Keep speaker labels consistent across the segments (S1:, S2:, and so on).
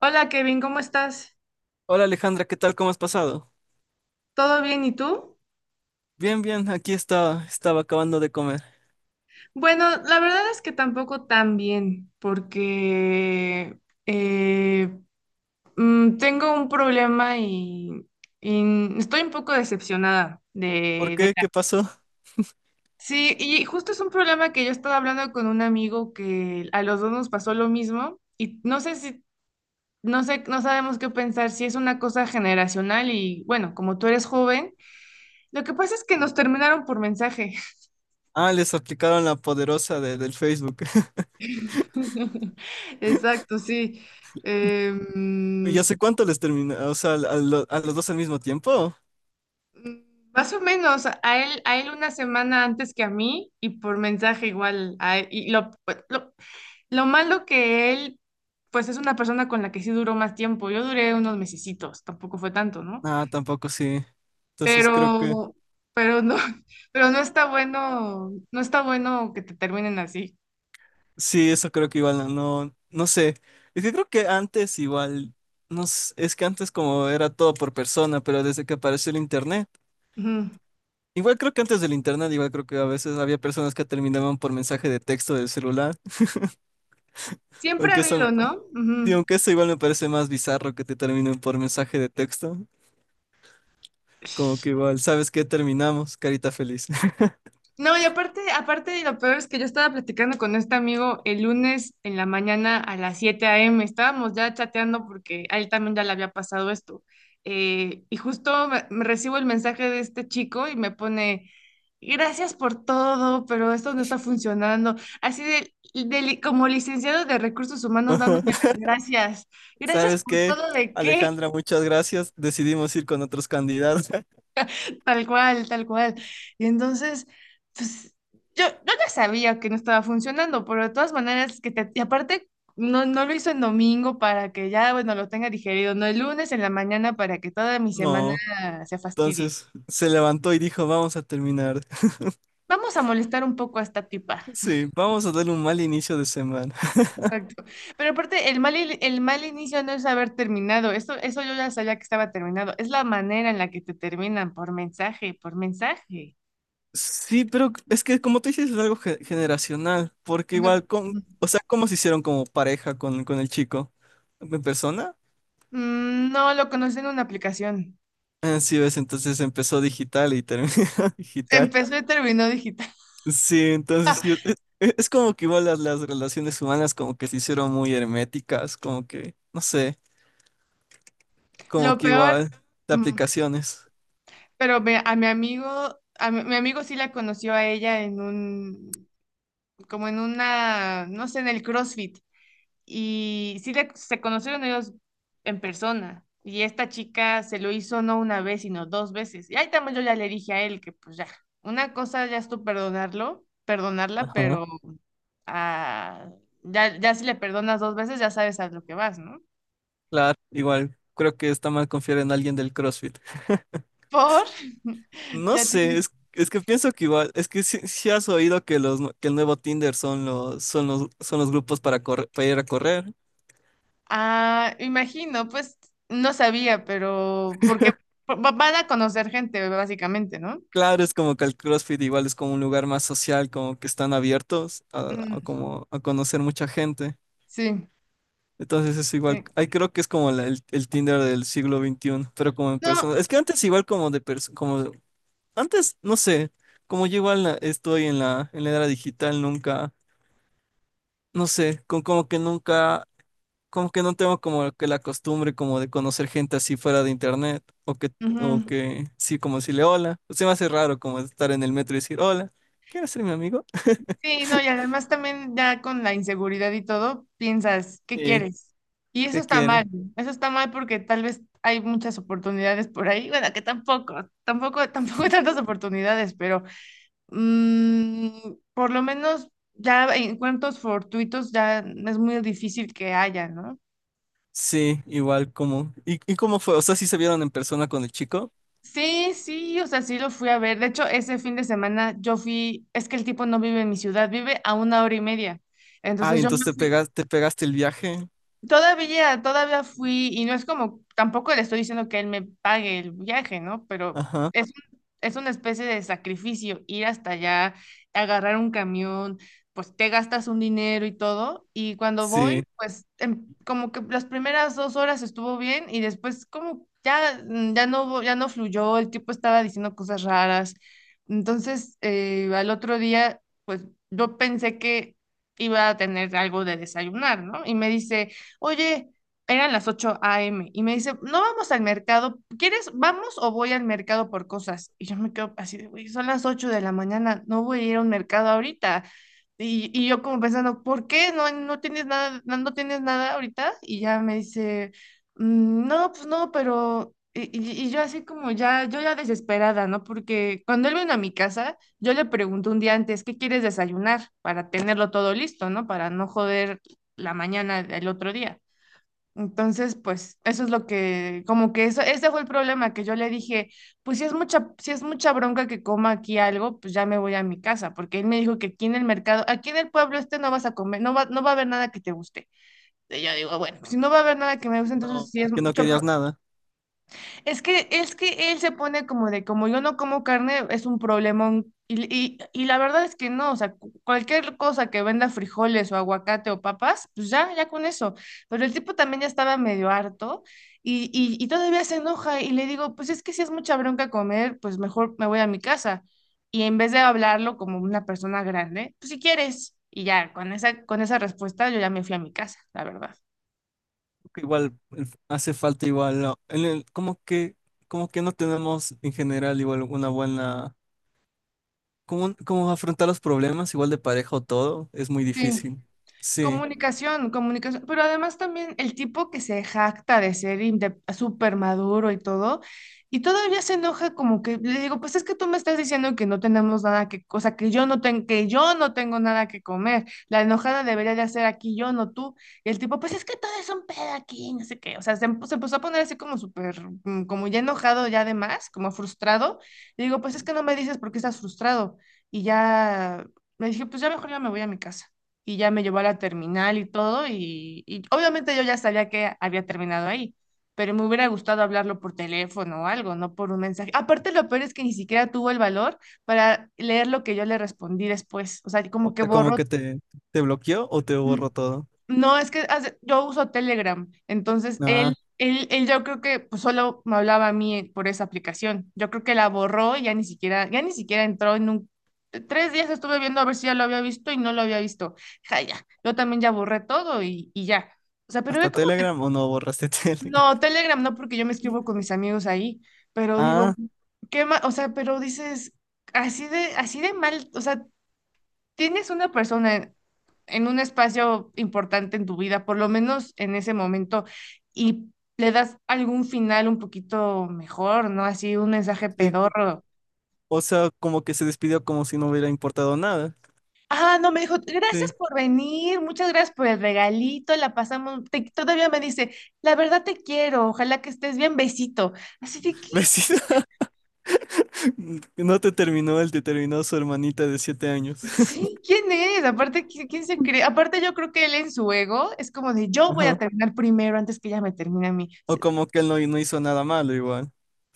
S1: Hola Kevin, ¿cómo estás?
S2: Hola Alejandra, ¿qué tal? ¿Cómo has pasado?
S1: ¿Todo bien y tú?
S2: Bien, bien, aquí estaba acabando de comer.
S1: Bueno, la verdad es que tampoco tan bien, porque eh, tengo un problema y estoy un poco decepcionada
S2: ¿Por
S1: de, de
S2: qué?
S1: la-
S2: ¿Qué pasó?
S1: Sí, y justo es un problema que yo estaba hablando con un amigo que a los dos nos pasó lo mismo y no sé si, no sé, no sabemos qué pensar, si es una cosa generacional y bueno, como tú eres joven, lo que pasa es que nos terminaron por mensaje.
S2: Ah, les aplicaron la poderosa del Facebook.
S1: Exacto, sí. Em,
S2: ¿Y hace
S1: mm,
S2: cuánto les terminó? O sea, ¿ a los dos al mismo tiempo?
S1: más o menos, a él una semana antes que a mí y por mensaje igual. A él. Y lo malo que él, pues es una persona con la que sí duró más tiempo. Yo duré unos mesecitos, tampoco fue tanto, ¿no?
S2: Ah, tampoco sí. Entonces creo que,
S1: Pero, pero no, pero no está bueno, no está bueno que te terminen así.
S2: sí, eso creo que igual no, no, no sé. Es que creo que antes igual, no sé, es que antes como era todo por persona, pero desde que apareció el internet,
S1: Ujú.
S2: igual creo que antes del internet, igual creo que a veces había personas que terminaban por mensaje de texto del celular.
S1: Siempre ha
S2: Aunque eso,
S1: habido, ¿no?
S2: Y
S1: Ujú.
S2: aunque eso igual me parece más bizarro que te terminen por mensaje de texto. Como que igual, ¿sabes qué? Terminamos, carita feliz.
S1: No, y aparte, aparte, lo peor es que yo estaba platicando con este amigo el lunes en la mañana a las 7 a.m. Estábamos ya chateando porque a él también ya le había pasado esto. Y justo me recibo el mensaje de este chico y me pone, gracias por todo, pero esto no está funcionando. Así de, como licenciado de recursos humanos dándome
S2: Ajá.
S1: las gracias. Gracias
S2: ¿Sabes
S1: por
S2: qué?
S1: todo, ¿de qué?
S2: Alejandra, muchas gracias. Decidimos ir con otros candidatos.
S1: Tal cual, tal cual. Y entonces, pues yo ya sabía que no estaba funcionando, pero de todas maneras, y aparte, no, no lo hizo en domingo para que ya, bueno, lo tenga digerido, no el lunes en la mañana para que toda mi semana
S2: No.
S1: se fastidie.
S2: Entonces se levantó y dijo, vamos a terminar.
S1: Vamos a molestar un poco a esta tipa.
S2: Sí, vamos a darle un mal inicio de semana.
S1: Exacto. Pero aparte, el mal inicio no es haber terminado. Eso yo ya sabía que estaba terminado. Es la manera en la que te terminan por mensaje, por mensaje.
S2: Sí, pero es que como tú dices, es algo generacional, porque
S1: O sea,
S2: igual con, o sea, ¿cómo se hicieron como pareja con el chico? ¿En persona?
S1: no, lo conocí en una aplicación.
S2: Ah, sí, ves, entonces empezó digital y terminó digital.
S1: Empezó y terminó digital.
S2: Sí, entonces sí, es como que igual las relaciones humanas como que se hicieron muy herméticas, como que, no sé, como
S1: Lo
S2: que
S1: peor,
S2: igual de
S1: mm,
S2: aplicaciones.
S1: pero me- a mi amigo, a mi, mi amigo sí la conoció a ella en un, como en una, no sé, en el CrossFit. Y se conocieron ellos en persona. Y esta chica se lo hizo no una vez, sino dos veces. Y ahí también yo ya le dije a él que pues ya, una cosa ya es tú perdonarlo, perdonarla,
S2: Ajá.
S1: pero ah, ya, ya si le perdonas dos veces ya sabes a lo que vas, ¿no?
S2: Claro, igual creo que está mal confiar en alguien del CrossFit.
S1: Por,
S2: No
S1: ya.
S2: sé, es que pienso que igual, es que si has oído que los que el nuevo Tinder son los grupos para correr, para ir a correr.
S1: Ah, imagino, pues no sabía, pero porque van a conocer gente, básicamente, ¿no?
S2: Claro, es como que el CrossFit igual es como un lugar más social, como que están abiertos a
S1: Ujú.
S2: como a conocer mucha gente.
S1: Sí,
S2: Entonces es igual,
S1: sí.
S2: ahí creo que es como el Tinder del siglo XXI, pero como en
S1: No.
S2: persona. Es que antes igual como antes, no sé, como yo igual estoy en la era digital, nunca, no sé, con, como que nunca como que no tengo como que la costumbre como de conocer gente así fuera de internet o
S1: Ujú.
S2: que sí como decirle hola. Se me hace raro como estar en el metro y decir hola, ¿quieres ser mi amigo?
S1: Sí, no, y además también ya con la inseguridad y todo, piensas, ¿qué
S2: Sí,
S1: quieres? Y
S2: ¿qué quiere?
S1: eso está mal porque tal vez hay muchas oportunidades por ahí, bueno, que tampoco, tampoco, tampoco hay tantas oportunidades, pero por lo menos ya encuentros fortuitos ya es muy difícil que haya, ¿no?
S2: Sí, igual como, ¿y cómo fue? O sea, ¿sí se vieron en persona con el chico?
S1: Sí, sí, o sea, sí lo fui a ver. De hecho, ese fin de semana yo fui, es que el tipo no vive en mi ciudad, vive a una hora y media.
S2: Ah,
S1: Entonces
S2: y
S1: yo me
S2: entonces te
S1: fui.
S2: pegaste te pegaste el viaje.
S1: Todavía, todavía fui, y no es como, tampoco le estoy diciendo que él me pague el viaje, ¿no? Pero
S2: Ajá.
S1: es una especie de sacrificio ir hasta allá, agarrar un camión, pues te gastas un dinero y todo, y cuando voy,
S2: Sí.
S1: pues como que las primeras 2 horas estuvo bien y después como ya, ya no, ya no fluyó, el tipo estaba diciendo cosas raras. Entonces, al otro día, pues yo pensé que iba a tener algo de desayunar, ¿no? Y me dice, oye, eran las 8 a.m. y me dice, no, vamos al mercado, ¿quieres, vamos o voy al mercado por cosas? Y yo me quedo así de, "Güey, son las 8 de la mañana, no voy a ir a un mercado ahorita". Y yo como pensando, ¿por qué? No, no tienes nada, no, no tienes nada ahorita. Y ya me dice, "Mm, no, pues no, pero...". Y yo así como ya, yo ya desesperada, ¿no? Porque cuando él vino a mi casa, yo le pregunto un día antes, ¿qué quieres desayunar? Para tenerlo todo listo, ¿no? Para no joder la mañana del otro día. Entonces, pues eso es lo que, como que eso, ese fue el problema que yo le dije, pues si es mucha bronca que coma aquí algo, pues ya me voy a mi casa, porque él me dijo que aquí en el mercado, aquí en el pueblo este no vas a comer, no va a haber nada que te guste. Y yo digo, bueno, si no va a haber nada que me guste, entonces si es
S2: Que no
S1: mucho,
S2: querías nada.
S1: es que él se pone como de, como yo no como carne, es un problemón. Y la verdad es que no, o sea, cualquier cosa que venda frijoles o aguacate o papas, pues ya, ya con eso. Pero el tipo también ya estaba medio harto y, y todavía se enoja y le digo, pues es que si es mucha bronca comer, pues mejor me voy a mi casa. Y en vez de hablarlo como una persona grande, pues si quieres. Y ya, con esa respuesta yo ya me fui a mi casa, la verdad.
S2: Que Igual, hace falta igual, ¿no? En el, como que no tenemos en general igual una buena. ¿Cómo, afrontar los problemas, igual de pareja o todo? Es muy difícil. Sí.
S1: Comunicación, comunicación, pero además también el tipo que se jacta de ser súper maduro y todo, y todavía se enoja como que le digo, pues es que tú me estás diciendo que no tenemos nada que, o sea, que yo no tengo nada que comer, la enojada debería de hacer aquí yo, no tú, y el tipo, pues es que todo es un pedo aquí, no sé qué, o sea, se empezó a poner así como súper, como ya enojado ya además, como frustrado, le digo, pues es que no me dices por qué estás frustrado, y ya me dije, pues ya mejor ya me voy a mi casa y ya me llevó a la terminal y todo, y, obviamente yo ya sabía que había terminado ahí, pero me hubiera gustado hablarlo por teléfono o algo, no por un mensaje. Aparte, lo peor es que ni siquiera tuvo el valor para leer lo que yo le respondí después, o sea,
S2: O
S1: como que
S2: sea, como
S1: borró.
S2: que te bloqueó o te
S1: mm,
S2: borró todo.
S1: no, es que yo uso Telegram, entonces
S2: Ah,
S1: él yo creo que pues, solo me hablaba a mí, por esa aplicación. Yo creo que la borró y ya ni siquiera entró en un... 3 días estuve viendo a ver si ya lo había visto y no lo había visto. Ja, ya, yo también ya borré todo y, ya. O sea, pero
S2: ¿hasta
S1: ve cómo...
S2: Telegram o no borraste Telegram?
S1: No, Telegram no, porque yo me escribo con mis amigos ahí, pero digo,
S2: Ah,
S1: O sea, pero dices, así de mal, o sea, tienes una persona en un espacio importante en tu vida, por lo menos en ese momento, y le das algún final un poquito mejor, ¿no? Así un mensaje
S2: sí.
S1: pedorro.
S2: O sea, como que se despidió como si no hubiera importado nada.
S1: Ah, no, me dijo, gracias
S2: Sí.
S1: por venir, muchas gracias por el regalito, la pasamos, todavía me dice, la verdad te quiero, ojalá que estés bien, besito. Así de, ¿qué?
S2: Vecina, no te terminó él, te terminó su hermanita de 7 años.
S1: Sí, ¿quién es? Aparte, ¿quién se cree? Aparte, yo creo que él en su ego es como de, yo voy
S2: Ajá.
S1: a terminar primero antes que ella me termine a mí.
S2: O como que él no, no hizo nada malo igual.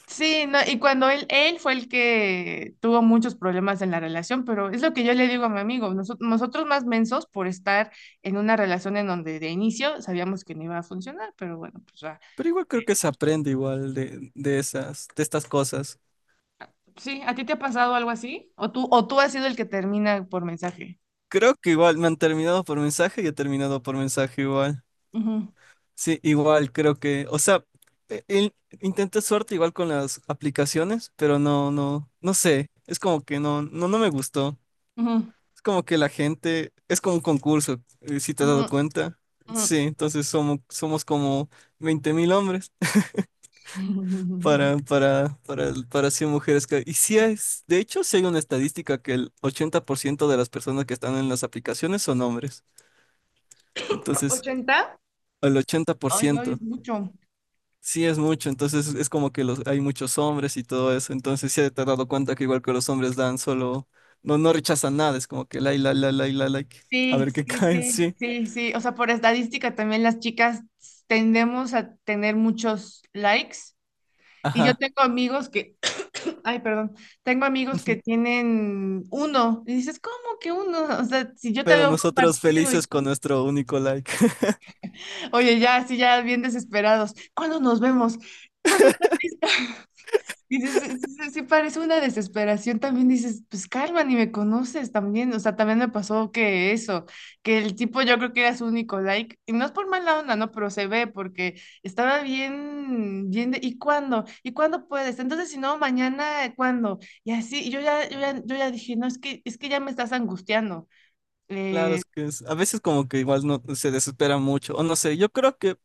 S1: Sí, no, y cuando él fue el que tuvo muchos problemas en la relación, pero es lo que yo le digo a mi amigo, nosotros más mensos por estar en una relación en donde de inicio sabíamos que no iba a funcionar, pero bueno, pues ya.
S2: Pero igual creo que se aprende igual de estas cosas.
S1: Sí, ¿a ti te ha pasado algo así? O tú has sido el que termina por mensaje?
S2: Creo que igual me han terminado por mensaje y he terminado por mensaje igual. Sí, igual creo que, o sea, e- el- intenté suerte igual con las aplicaciones, pero no, no, no sé. Es como que no, no, no me gustó.
S1: Ujú, ujú,
S2: Es como que la gente, es como un concurso, si te has
S1: ujú,
S2: dado cuenta.
S1: ujú.
S2: Sí, entonces somos como 20.000 hombres para, para, para, para 100 mujeres. Y sí es, de hecho, sí hay una estadística que el 80% de las personas que están en las aplicaciones son hombres. Entonces,
S1: ¿80?
S2: el ochenta por
S1: Ay, guau,
S2: ciento
S1: es mucho.
S2: Sí, es mucho, entonces es como que hay muchos hombres y todo eso, entonces sí te has dado cuenta que igual que los hombres dan solo, no, no rechazan nada, es como que la like, a
S1: Sí,
S2: ver qué
S1: sí,
S2: cae,
S1: sí,
S2: sí,
S1: sí, sí. O sea, por estadística también las chicas tendemos a tener muchos likes. Y yo
S2: ajá.
S1: tengo amigos que, ay, perdón, tengo amigos que tienen uno. Y dices, ¿cómo que uno? O sea, si yo te
S2: Pero
S1: veo un
S2: nosotros
S1: partido y
S2: felices
S1: todo.
S2: con nuestro único like.
S1: Oye, ya, sí, ya bien desesperados. ¿Cuándo nos vemos? ¿Cuándo estás lista? Y dices, sí, sí, sí, parece una desesperación, también dices, pues calma, ni me conoces también, o sea, también me pasó que eso, que el tipo yo creo que era su único like, y no es por mala onda, no, pero se ve porque estaba bien, bien, de, ¿y cuándo? ¿Y cuándo puedes? Entonces, si no, mañana, ¿cuándo? Y así, y yo ya dije, no, es que ya me estás angustiando.
S2: Claro,
S1: Eh,
S2: es que a veces como que igual no se desespera mucho, o no sé, yo creo que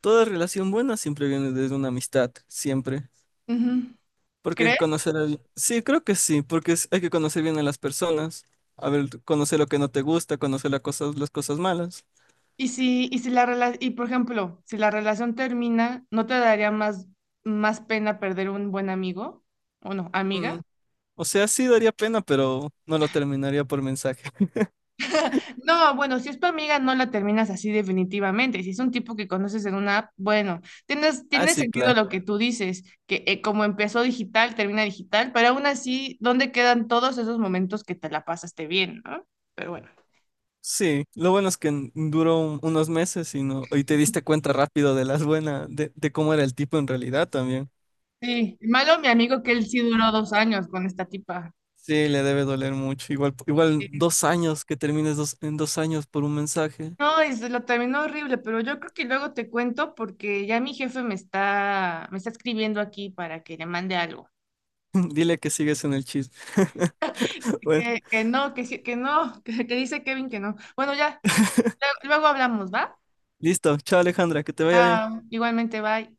S2: toda relación buena siempre viene desde una amistad, siempre.
S1: ujú.
S2: Porque hay que
S1: ¿Crees?
S2: conocer a. Sí, creo que sí, porque hay que conocer bien a las personas. A ver, conocer lo que no te gusta, conocer las cosas malas.
S1: Y si, y si y por ejemplo, si la relación termina, ¿no te daría más, más pena perder un buen amigo? ¿O no,
S2: Mm,
S1: amiga?
S2: O sea, sí daría pena, pero no lo terminaría por mensaje.
S1: No, bueno, si es tu amiga, no la terminas así definitivamente. Si es un tipo que conoces en una app, bueno, tienes,
S2: Ah,
S1: tiene
S2: sí,
S1: sentido
S2: claro.
S1: lo que tú dices, que como empezó digital, termina digital, pero aún así, ¿dónde quedan todos esos momentos que te la pasaste bien, ¿no? Pero bueno.
S2: Sí, lo bueno es que duró unos meses y no, y te diste cuenta rápido de las buenas, de cómo era el tipo en realidad también.
S1: Sí, malo mi amigo que él sí duró 2 años con esta tipa.
S2: Sí, le debe doler mucho. Igual
S1: Sí.
S2: 2 años que termines en 2 años por un mensaje.
S1: No, y se lo terminó horrible, pero yo creo que luego te cuento porque ya mi jefe me está escribiendo aquí para que le mande algo.
S2: Dile que sigues en el chisme. Bueno,
S1: Que no, que sí, que no, que, dice Kevin que no. Bueno, ya, luego luego hablamos, ¿va?
S2: listo. Chao, Alejandra, que te vaya bien.
S1: Chao, igualmente, bye.